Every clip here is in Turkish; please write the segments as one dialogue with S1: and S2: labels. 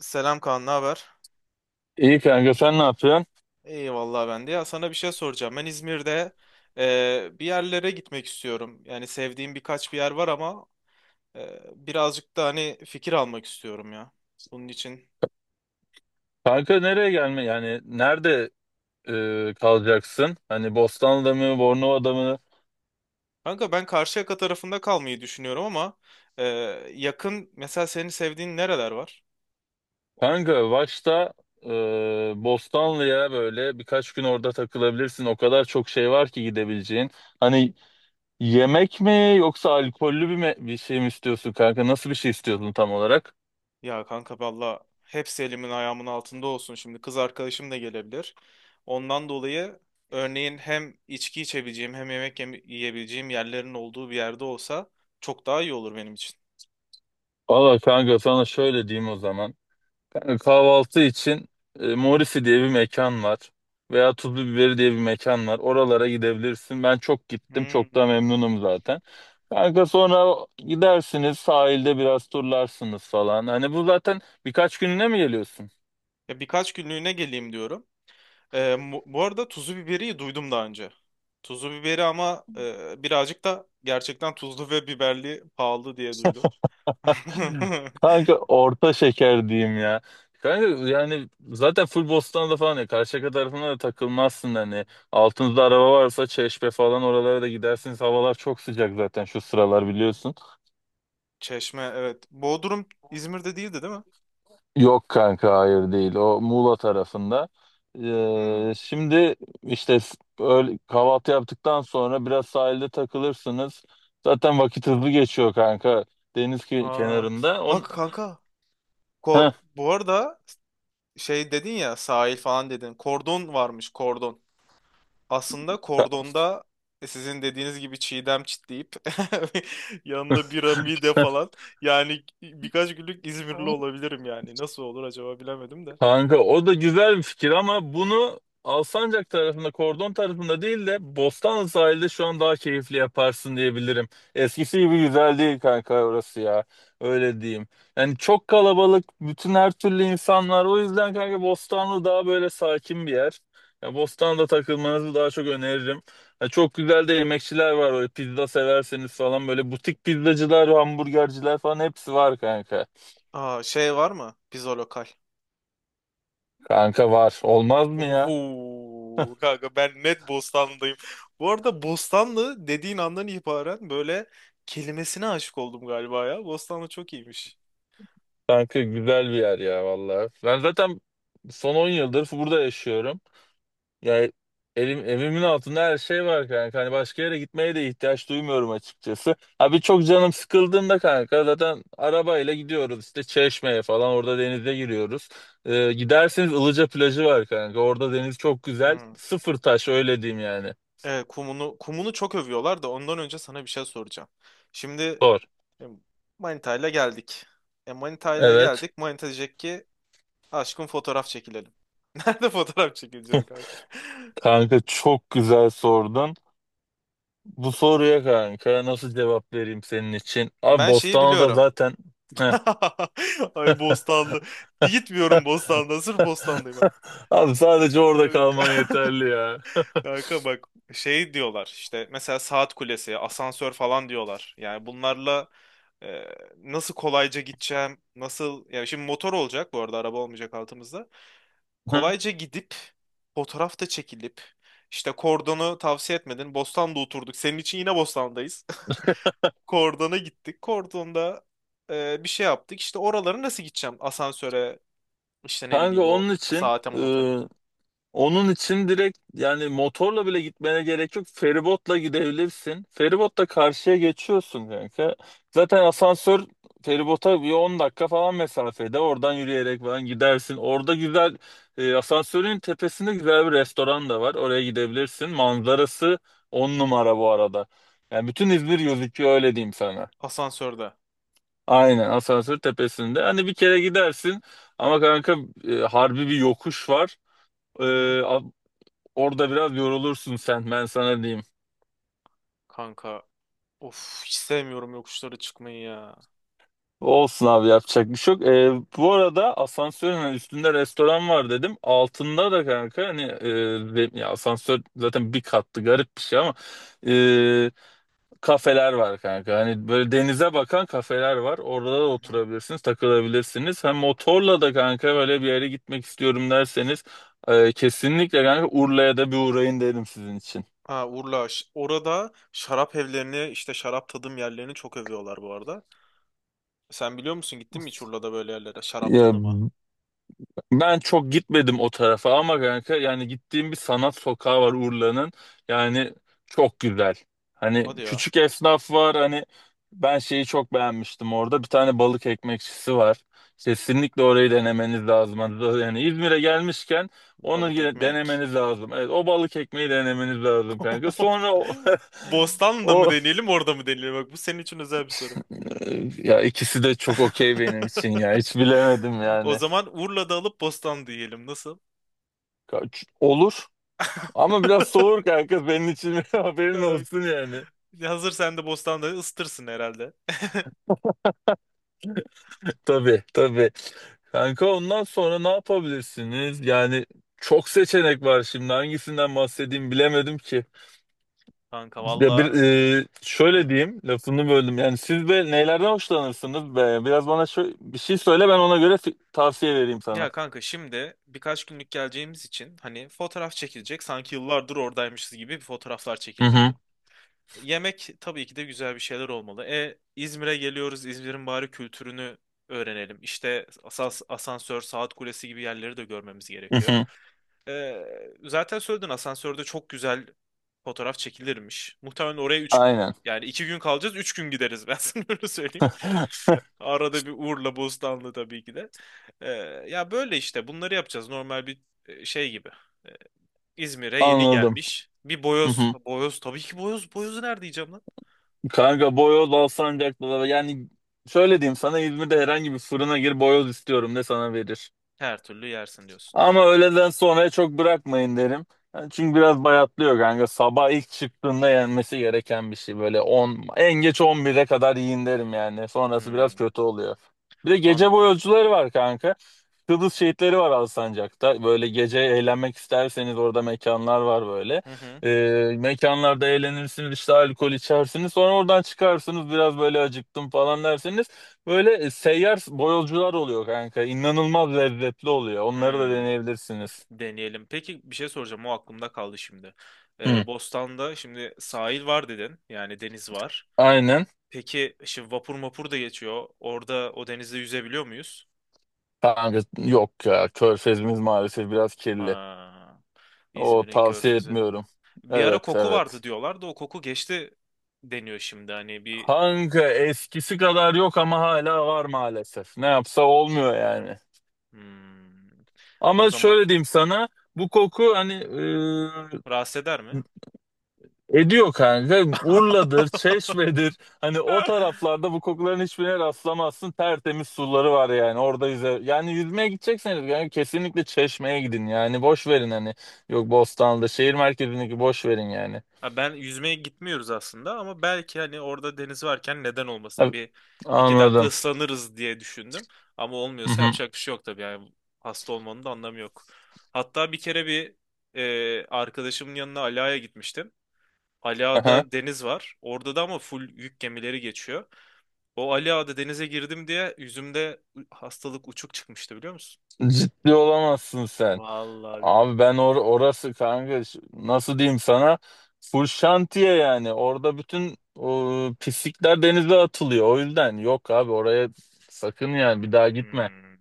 S1: Selam Kaan, ne haber?
S2: İyi kanka sen ne yapıyorsun?
S1: İyi vallahi ben de. Ya sana bir şey soracağım. Ben İzmir'de, bir yerlere gitmek istiyorum. Yani sevdiğim birkaç bir yer var ama birazcık da hani fikir almak istiyorum ya. Bunun için.
S2: Kanka nereye gelme yani nerede kalacaksın? Hani Bostanlı'da mı Bornova'da mı?
S1: Kanka ben Karşıyaka tarafında kalmayı düşünüyorum ama e, yakın mesela senin sevdiğin nereler var?
S2: Kanka başta e, Bostanlı'ya böyle birkaç gün orada takılabilirsin. O kadar çok şey var ki gidebileceğin. Hani yemek mi yoksa alkollü bir şey mi istiyorsun kanka? Nasıl bir şey istiyorsun tam olarak?
S1: Ya kanka valla hepsi elimin ayağımın altında olsun. Şimdi kız arkadaşım da gelebilir. Ondan dolayı örneğin hem içki içebileceğim hem yiyebileceğim yerlerin olduğu bir yerde olsa çok daha iyi olur benim için.
S2: Valla kanka sana şöyle diyeyim o zaman. Yani kahvaltı için Morisi diye bir mekan var. Veya Tuzlu Biberi diye bir mekan var. Oralara gidebilirsin. Ben çok gittim. Çok da
S1: Hmm.
S2: memnunum zaten. Kanka sonra gidersiniz sahilde biraz turlarsınız falan. Hani bu zaten birkaç gününe mi geliyorsun?
S1: Ya birkaç günlüğüne geleyim diyorum. Bu arada tuzu biberi duydum daha önce. Tuzu biberi ama birazcık da gerçekten tuzlu ve biberli pahalı diye duydum.
S2: Kanka orta şeker diyeyim ya. Kanka yani zaten full Bostan'da falan ya Karşıyaka tarafına da takılmazsın hani. Altınızda araba varsa Çeşme falan oralara da gidersiniz. Havalar çok sıcak zaten şu sıralar biliyorsun.
S1: Çeşme evet. Bodrum İzmir'de değildi değil mi?
S2: Yok kanka hayır değil. O Muğla tarafında.
S1: Hmm.
S2: Şimdi işte kahvaltı yaptıktan sonra biraz sahilde takılırsınız. Zaten vakit hızlı geçiyor kanka. Deniz
S1: Aa,
S2: kenarında.
S1: bak kanka.
S2: Heh.
S1: Ko bu arada şey dedin ya, sahil falan dedin. Kordon varmış, kordon. Aslında kordonda sizin dediğiniz gibi çiğdem çitleyip yanında bira mide falan. Yani birkaç günlük İzmirli olabilirim yani. Nasıl olur acaba bilemedim de.
S2: Kanka o da güzel bir fikir ama bunu Alsancak tarafında, Kordon tarafında değil de Bostanlı sahilde şu an daha keyifli yaparsın diyebilirim. Eskisi gibi güzel değil kanka orası ya. Öyle diyeyim. Yani çok kalabalık, bütün her türlü insan var. O yüzden kanka Bostanlı daha böyle sakin bir yer. Ya Bostanlı'da takılmanızı daha çok öneririm. Ya çok güzel de yemekçiler var. Böyle pizza severseniz falan böyle butik pizzacılar, hamburgerciler falan hepsi var kanka.
S1: Aa, şey var mı? Pizza lokal.
S2: Kanka var. Olmaz mı ya?
S1: Oho, kanka ben net Bostanlı'dayım. Bu arada Bostanlı dediğin andan itibaren böyle kelimesine aşık oldum galiba ya. Bostanlı çok iyiymiş.
S2: Kanka güzel bir yer ya vallahi. Ben zaten son 10 yıldır burada yaşıyorum. Yani elim, evimin altında her şey var kanka. Hani başka yere gitmeye de ihtiyaç duymuyorum açıkçası. Abi çok canım sıkıldığında kanka zaten arabayla gidiyoruz işte Çeşme'ye falan orada denize giriyoruz. Giderseniz Ilıca plajı var kanka. Orada deniz çok güzel.
S1: Hmm.
S2: Sıfır taş öyle diyeyim yani.
S1: Evet, kumunu kumunu çok övüyorlar da ondan önce sana bir şey soracağım. Şimdi
S2: Sor.
S1: e, Manita ile geldik. E, Manita ile
S2: Evet.
S1: geldik. Manita diyecek ki aşkım, fotoğraf çekilelim. Nerede fotoğraf çekileceğiz kanka?
S2: Kanka çok güzel sordun. Bu soruya kanka nasıl cevap vereyim senin için? Abi
S1: Ben şeyi
S2: Bostanlı'da
S1: biliyorum.
S2: zaten Heh.
S1: Ay Bostanlı. Gitmiyorum Bostan'da. Sırf Bostan'dayım artık.
S2: Abi sadece orada kalman yeterli ya.
S1: Kanka bak, şey diyorlar işte, mesela saat kulesi, asansör falan diyorlar. Yani bunlarla, e, nasıl kolayca gideceğim, nasıl yani şimdi motor olacak bu arada, araba olmayacak altımızda. Kolayca gidip fotoğraf da çekilip, işte kordonu tavsiye etmedin. Bostan'da oturduk. Senin için yine Bostan'dayız. Kordona gittik. Kordonda bir şey yaptık. İşte oraları nasıl gideceğim? Asansöre, işte ne
S2: Kanka
S1: bileyim o
S2: onun için
S1: saate mate.
S2: onun için direkt yani motorla bile gitmene gerek yok. Feribotla gidebilirsin. Feribotla karşıya geçiyorsun kanka. Zaten asansör feribota bir 10 dakika falan mesafede. Oradan yürüyerek falan gidersin. Orada güzel asansörün tepesinde güzel bir restoran da var. Oraya gidebilirsin. Manzarası 10 numara bu arada. Yani bütün İzmir gözüküyor öyle diyeyim sana.
S1: Asansörde.
S2: Aynen asansör tepesinde. Hani bir kere gidersin ama kanka harbi bir yokuş var. E,
S1: Hı hı.
S2: Orada biraz yorulursun sen ben sana diyeyim.
S1: Kanka, of, hiç sevmiyorum yokuşlara çıkmayı ya.
S2: Olsun abi yapacak bir şey yok. Bu arada asansörün hani üstünde restoran var dedim. Altında da kanka hani ya asansör zaten bir kattı garip bir şey ama e, kafeler var kanka. Hani böyle denize bakan kafeler var. Orada da
S1: Hı hı.
S2: oturabilirsiniz, takılabilirsiniz. Hem motorla da kanka böyle bir yere gitmek istiyorum derseniz kesinlikle kanka Urla'ya da bir uğrayın derim sizin için.
S1: Ha Urla, ş- orada şarap evlerini işte şarap tadım yerlerini çok övüyorlar bu arada. Sen biliyor musun, gittin mi hiç Urla'da böyle yerlere şarap
S2: Ya
S1: tadıma?
S2: ben çok gitmedim o tarafa ama kanka yani gittiğim bir sanat sokağı var Urla'nın. Yani çok güzel.
S1: Hadi
S2: Hani
S1: ya,
S2: küçük esnaf var. Hani ben şeyi çok beğenmiştim orada. Bir tane balık ekmekçisi var. Kesinlikle orayı denemeniz lazım. Yani İzmir'e gelmişken
S1: balık ekmek.
S2: denemeniz lazım. Evet, o balık ekmeği denemeniz lazım kanka. Sonra
S1: Bostanlı'da mı
S2: o
S1: deneyelim, orada mı deneyelim? Bak, bu senin için özel bir soru.
S2: ya ikisi de çok okey benim için ya. Hiç bilemedim
S1: O
S2: yani.
S1: zaman Urla'da alıp Bostanlı diyelim, nasıl?
S2: Olur. Ama biraz soğur kanka benim için haberin
S1: Kanka,
S2: olsun yani.
S1: hazır sen de Bostanlı'yı ısıtırsın herhalde.
S2: Tabii tabii. Kanka ondan sonra ne yapabilirsiniz? Yani çok seçenek var şimdi hangisinden bahsedeyim bilemedim ki.
S1: Kanka
S2: Ya
S1: valla.
S2: şöyle diyeyim lafını böldüm. Yani siz de nelerden hoşlanırsınız be? Biraz bana bir şey söyle ben ona göre tavsiye vereyim sana.
S1: Ya kanka şimdi birkaç günlük geleceğimiz için hani fotoğraf çekilecek, sanki yıllardır oradaymışız gibi bir fotoğraflar
S2: Hı
S1: çekilmeli.
S2: hı.
S1: Yemek tabii ki de güzel bir şeyler olmalı. E, İzmir'e geliyoruz, İzmir'in bari kültürünü öğrenelim. İşte asas, asansör, saat kulesi gibi yerleri de görmemiz
S2: Hı
S1: gerekiyor.
S2: hı.
S1: E, Zaten söyledin, asansörde çok güzel fotoğraf çekilirmiş. Muhtemelen oraya 3,
S2: Aynen.
S1: yani 2 gün kalacağız, 3 gün gideriz ben sana öyle söyleyeyim. Arada bir Urla Bostanlı tabii ki de. Ee, Ya böyle işte bunları yapacağız. Normal bir, şey gibi. Ee, İzmir'e yeni
S2: Anladım.
S1: gelmiş. Bir
S2: Hı
S1: boyoz.
S2: hı.
S1: Boyoz tabii ki boyoz. Boyozu nerede yiyeceğim lan?
S2: Kanka boyoz Alsancak'ta da yani şöyle diyeyim sana İzmir'de herhangi bir fırına gir boyoz istiyorum de sana verir.
S1: Her türlü yersin diyorsun.
S2: Ama öğleden sonraya çok bırakmayın derim. Yani çünkü biraz bayatlıyor kanka. Sabah ilk çıktığında yenmesi gereken bir şey. Böyle 10 en geç 11'e kadar yiyin derim yani. Sonrası biraz
S1: Hmm,
S2: kötü oluyor. Bir de gece
S1: anladım.
S2: boyozcuları var kanka. Kıbrıs şehitleri var Alsancak'ta. Böyle gece eğlenmek isterseniz orada mekanlar var böyle.
S1: Hı hı.
S2: Mekanlarda eğlenirsiniz işte alkol içersiniz. Sonra oradan çıkarsınız biraz böyle acıktım falan derseniz. Böyle seyyar boyolcular oluyor kanka. İnanılmaz lezzetli oluyor. Onları da
S1: Hmm,
S2: deneyebilirsiniz.
S1: deneyelim. Peki bir şey soracağım. O aklımda kaldı şimdi.
S2: Hı.
S1: Bostan'da şimdi sahil var dedin. Yani deniz var.
S2: Aynen.
S1: Peki şimdi vapur mapur da geçiyor. Orada o denizde yüzebiliyor muyuz?
S2: Kanka yok ya. Körfezimiz maalesef biraz kirli.
S1: Ha,
S2: O
S1: İzmir'in
S2: tavsiye
S1: körfezi.
S2: etmiyorum.
S1: Bir ara
S2: Evet,
S1: koku
S2: evet.
S1: vardı diyorlar da o koku geçti deniyor şimdi. Hani bir,
S2: Kanka eskisi kadar yok ama hala var maalesef. Ne yapsa olmuyor yani.
S1: hmm, o
S2: Ama
S1: zaman
S2: şöyle diyeyim sana bu koku hani
S1: rahatsız eder mi?
S2: ediyor kanka. Urla'dır, Çeşme'dir. Hani o taraflarda bu kokuların hiçbirine rastlamazsın. Tertemiz suları var yani orada yüze. Yani yüzmeye gidecekseniz yani kesinlikle Çeşme'ye gidin yani. Boş verin hani. Yok Bostanlı'da şehir merkezindeki boş verin yani.
S1: Ha, ben yüzmeye gitmiyoruz aslında ama belki hani orada deniz varken neden olmasın,
S2: Ha,
S1: bir iki dakika
S2: anladım.
S1: ıslanırız diye düşündüm. Ama
S2: Hı
S1: olmuyorsa
S2: hı.
S1: yapacak bir şey yok tabii, yani hasta olmanın da anlamı yok. Hatta bir kere bir, arkadaşımın yanına Ala'ya gitmiştim.
S2: Aha.
S1: Ala'da deniz var. Orada da ama full yük gemileri geçiyor. O Ali Ağa'da denize girdim diye yüzümde hastalık uçuk çıkmıştı biliyor musun?
S2: Ciddi olamazsın sen.
S1: Vallahi billahi.
S2: Abi ben orası kanka nasıl diyeyim sana full şantiye yani orada bütün pislikler denize atılıyor o yüzden yok abi oraya sakın yani bir daha gitme.
S1: Hmm,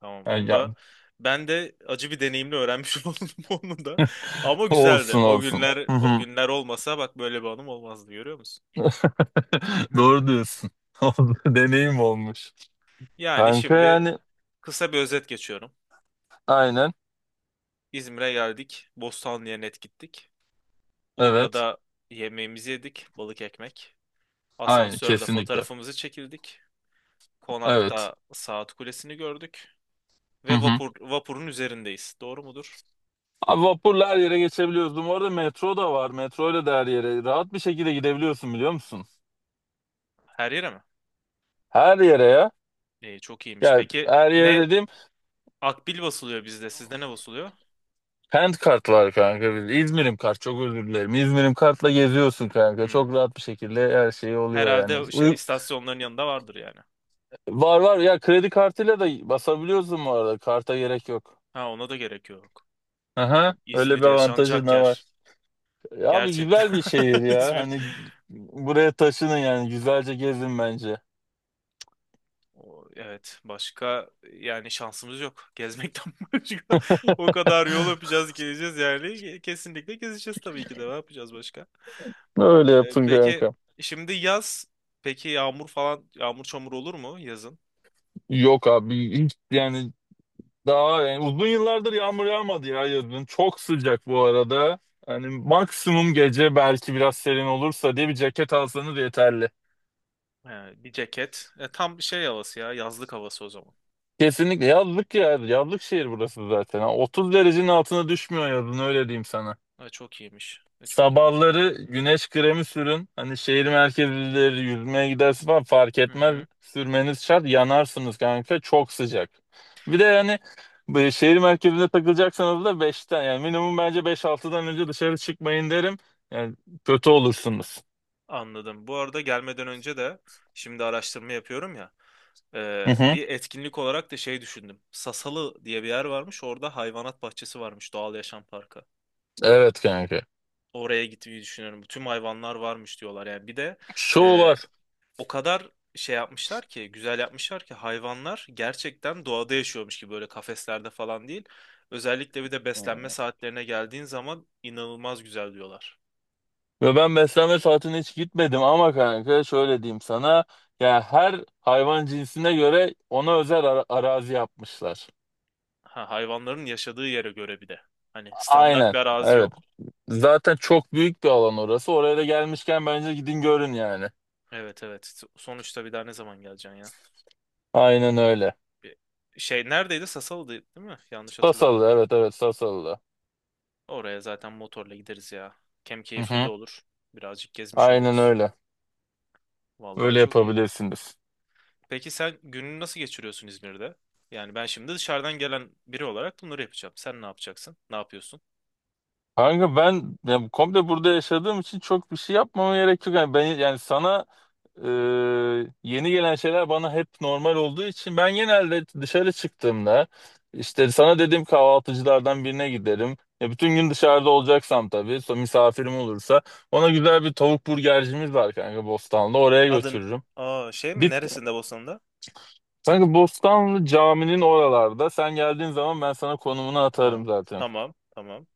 S1: tamam
S2: Yani,
S1: onu da,
S2: ya-
S1: ben de acı bir deneyimle öğrenmiş oldum onu da. Ama güzeldi.
S2: olsun
S1: O
S2: olsun.
S1: günler,
S2: Hı
S1: o
S2: hı.
S1: günler olmasa bak böyle bir anım olmazdı, görüyor musun?
S2: Doğru diyorsun. Oldu, deneyim olmuş.
S1: Yani
S2: Kanka
S1: şimdi
S2: yani
S1: kısa bir özet geçiyorum.
S2: aynen
S1: İzmir'e geldik. Bostanlı'ya net gittik.
S2: evet
S1: Urla'da yemeğimizi yedik. Balık ekmek.
S2: aynen
S1: Asansörde
S2: kesinlikle
S1: fotoğrafımızı çekildik.
S2: evet.
S1: Konakta saat kulesini gördük.
S2: Hı
S1: Ve
S2: hı.
S1: vapur, vapurun üzerindeyiz. Doğru mudur?
S2: Abi vapurla her yere geçebiliyoruz. Bu arada metro da var. Metro ile de her yere rahat bir şekilde gidebiliyorsun biliyor musun?
S1: Her yere mi?
S2: Her yere ya.
S1: İyi, çok iyiymiş.
S2: Ya
S1: Peki
S2: her yere
S1: ne
S2: dediğim
S1: akbil basılıyor bizde? Sizde ne basılıyor?
S2: hand kart var kanka. İzmir'im kart çok özür dilerim. İzmir'im kartla geziyorsun kanka.
S1: Hmm.
S2: Çok rahat bir şekilde her şey oluyor yani.
S1: Herhalde şey, istasyonların yanında vardır yani.
S2: Var var ya kredi kartıyla da basabiliyorsun bu arada. Karta gerek yok.
S1: Ha, ona da gerek yok.
S2: Aha,
S1: O,
S2: öyle
S1: İzmir
S2: bir avantajı
S1: yaşanacak
S2: da var.
S1: yer.
S2: Ya abi
S1: Gerçekten
S2: güzel bir şehir ya.
S1: İzmir.
S2: Hani buraya taşının yani güzelce gezin bence.
S1: O, evet, başka yani şansımız yok. Gezmekten başka. O kadar yol yapacağız geleceğiz yani. Kesinlikle gezeceğiz tabii ki de. Ne yapacağız başka?
S2: Öyle
S1: E,
S2: yapın
S1: peki
S2: kanka.
S1: şimdi yaz. Peki yağmur falan, yağmur çamur olur mu yazın?
S2: Yok abi hiç yani daha yani uzun yıllardır yağmur yağmadı ya yazın. Çok sıcak bu arada. Hani maksimum gece belki biraz serin olursa diye bir ceket alsanız yeterli.
S1: He, bir ceket. E, tam şey havası ya, yazlık havası o zaman.
S2: Kesinlikle yazlık ya. Yazlık şehir burası zaten. Ha, 30 derecenin altına düşmüyor yazın öyle diyeyim sana.
S1: E, çok iyiymiş. E, çok iyiymiş o zaman.
S2: Sabahları güneş kremi sürün. Hani şehir merkezleri yüzmeye gidersin falan fark
S1: Hı
S2: etmez.
S1: hı.
S2: Sürmeniz şart. Yanarsınız kanka. Çok sıcak. Bir de yani bu şehir merkezinde takılacaksanız da beşten yani minimum bence 5-6'dan önce dışarı çıkmayın derim. Yani kötü olursunuz.
S1: Anladım. Bu arada gelmeden önce de şimdi araştırma yapıyorum ya.
S2: Hı hı.
S1: Bir etkinlik olarak da şey düşündüm. Sasalı diye bir yer varmış. Orada hayvanat bahçesi varmış. Doğal Yaşam Parkı.
S2: Evet kanka.
S1: Oraya gitmeyi düşünüyorum. Tüm hayvanlar varmış diyorlar. Yani bir de,
S2: Şov
S1: e,
S2: var.
S1: o kadar şey yapmışlar ki, güzel yapmışlar ki hayvanlar gerçekten doğada yaşıyormuş gibi, böyle kafeslerde falan değil. Özellikle bir de beslenme saatlerine geldiğin zaman inanılmaz güzel diyorlar.
S2: Ve ben beslenme saatine hiç gitmedim ama kanka şöyle diyeyim sana. Ya her hayvan cinsine göre ona özel arazi yapmışlar.
S1: Ha, hayvanların yaşadığı yere göre bir de. Hani standart
S2: Aynen.
S1: bir arazi
S2: Evet.
S1: yok.
S2: Zaten çok büyük bir alan orası. Oraya da gelmişken bence gidin görün yani.
S1: Evet, evet. Sonuçta bir daha ne zaman geleceksin ya?
S2: Aynen öyle.
S1: Bir şey neredeydi? Sasalı'da değil mi? Yanlış hatırlamıyorum.
S2: Sasalı, evet evet, Sasalı'da.
S1: Oraya zaten motorla gideriz ya. Hem
S2: Hı
S1: keyifli de
S2: hı.
S1: olur. Birazcık gezmiş
S2: Aynen
S1: oluruz.
S2: öyle.
S1: Vallahi
S2: Öyle
S1: çok iyi.
S2: yapabilirsiniz.
S1: Peki sen gününü nasıl geçiriyorsun İzmir'de? Yani ben şimdi dışarıdan gelen biri olarak bunları yapacağım. Sen ne yapacaksın? Ne yapıyorsun?
S2: Kanka ben ya, komple burada yaşadığım için çok bir şey yapmama gerek yok. Yani ben yani sana Ee, yeni gelen şeyler bana hep normal olduğu için ben genelde dışarı çıktığımda işte sana dediğim kahvaltıcılardan birine giderim. Ya bütün gün dışarıda olacaksam tabii misafirim olursa ona güzel bir tavuk burgercimiz var kanka Bostanlı oraya
S1: Adın,
S2: götürürüm.
S1: aa, şey mi?
S2: Bir,
S1: Neresinde, Bosna'da?
S2: kanka Bostanlı caminin oralarda sen geldiğin zaman ben sana konumunu
S1: Aha,
S2: atarım zaten.
S1: tamam tamam.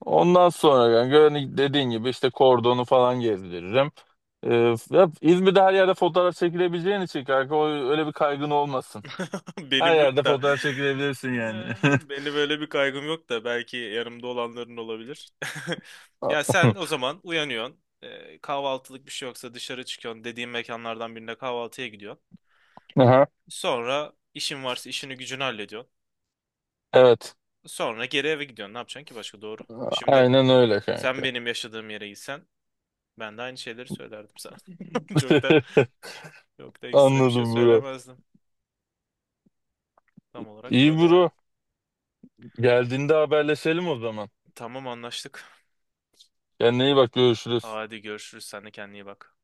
S2: Ondan sonra yani dediğin gibi işte kordonu falan gezdiririm. Ee, ya İzmir'de her yerde fotoğraf çekilebileceğin için kanka öyle bir kaygın olmasın. Her
S1: Benim
S2: yerde
S1: yok da,
S2: fotoğraf çekilebilirsin yani.
S1: beni böyle bir kaygım yok da belki yanımda olanların olabilir. Ya sen o zaman uyanıyorsun. Kahvaltılık bir şey yoksa dışarı çıkıyorsun. Dediğim mekanlardan birine kahvaltıya gidiyorsun.
S2: Aha,
S1: Sonra işin varsa işini gücünü hallediyorsun.
S2: evet.
S1: Sonra geri eve gidiyorsun. Ne yapacaksın ki başka, doğru? Şimdi
S2: Aynen öyle
S1: sen
S2: kanka.
S1: benim yaşadığım yere gitsen ben de aynı şeyleri söylerdim sana. Çok da Çok da ekstra bir şey
S2: Anladım bro.
S1: söylemezdim. Tam olarak
S2: İyi
S1: böyle yani.
S2: bro. Geldiğinde haberleşelim o zaman.
S1: Tamam, anlaştık.
S2: Kendine iyi bak, görüşürüz.
S1: Hadi görüşürüz. Sen de kendine iyi bak.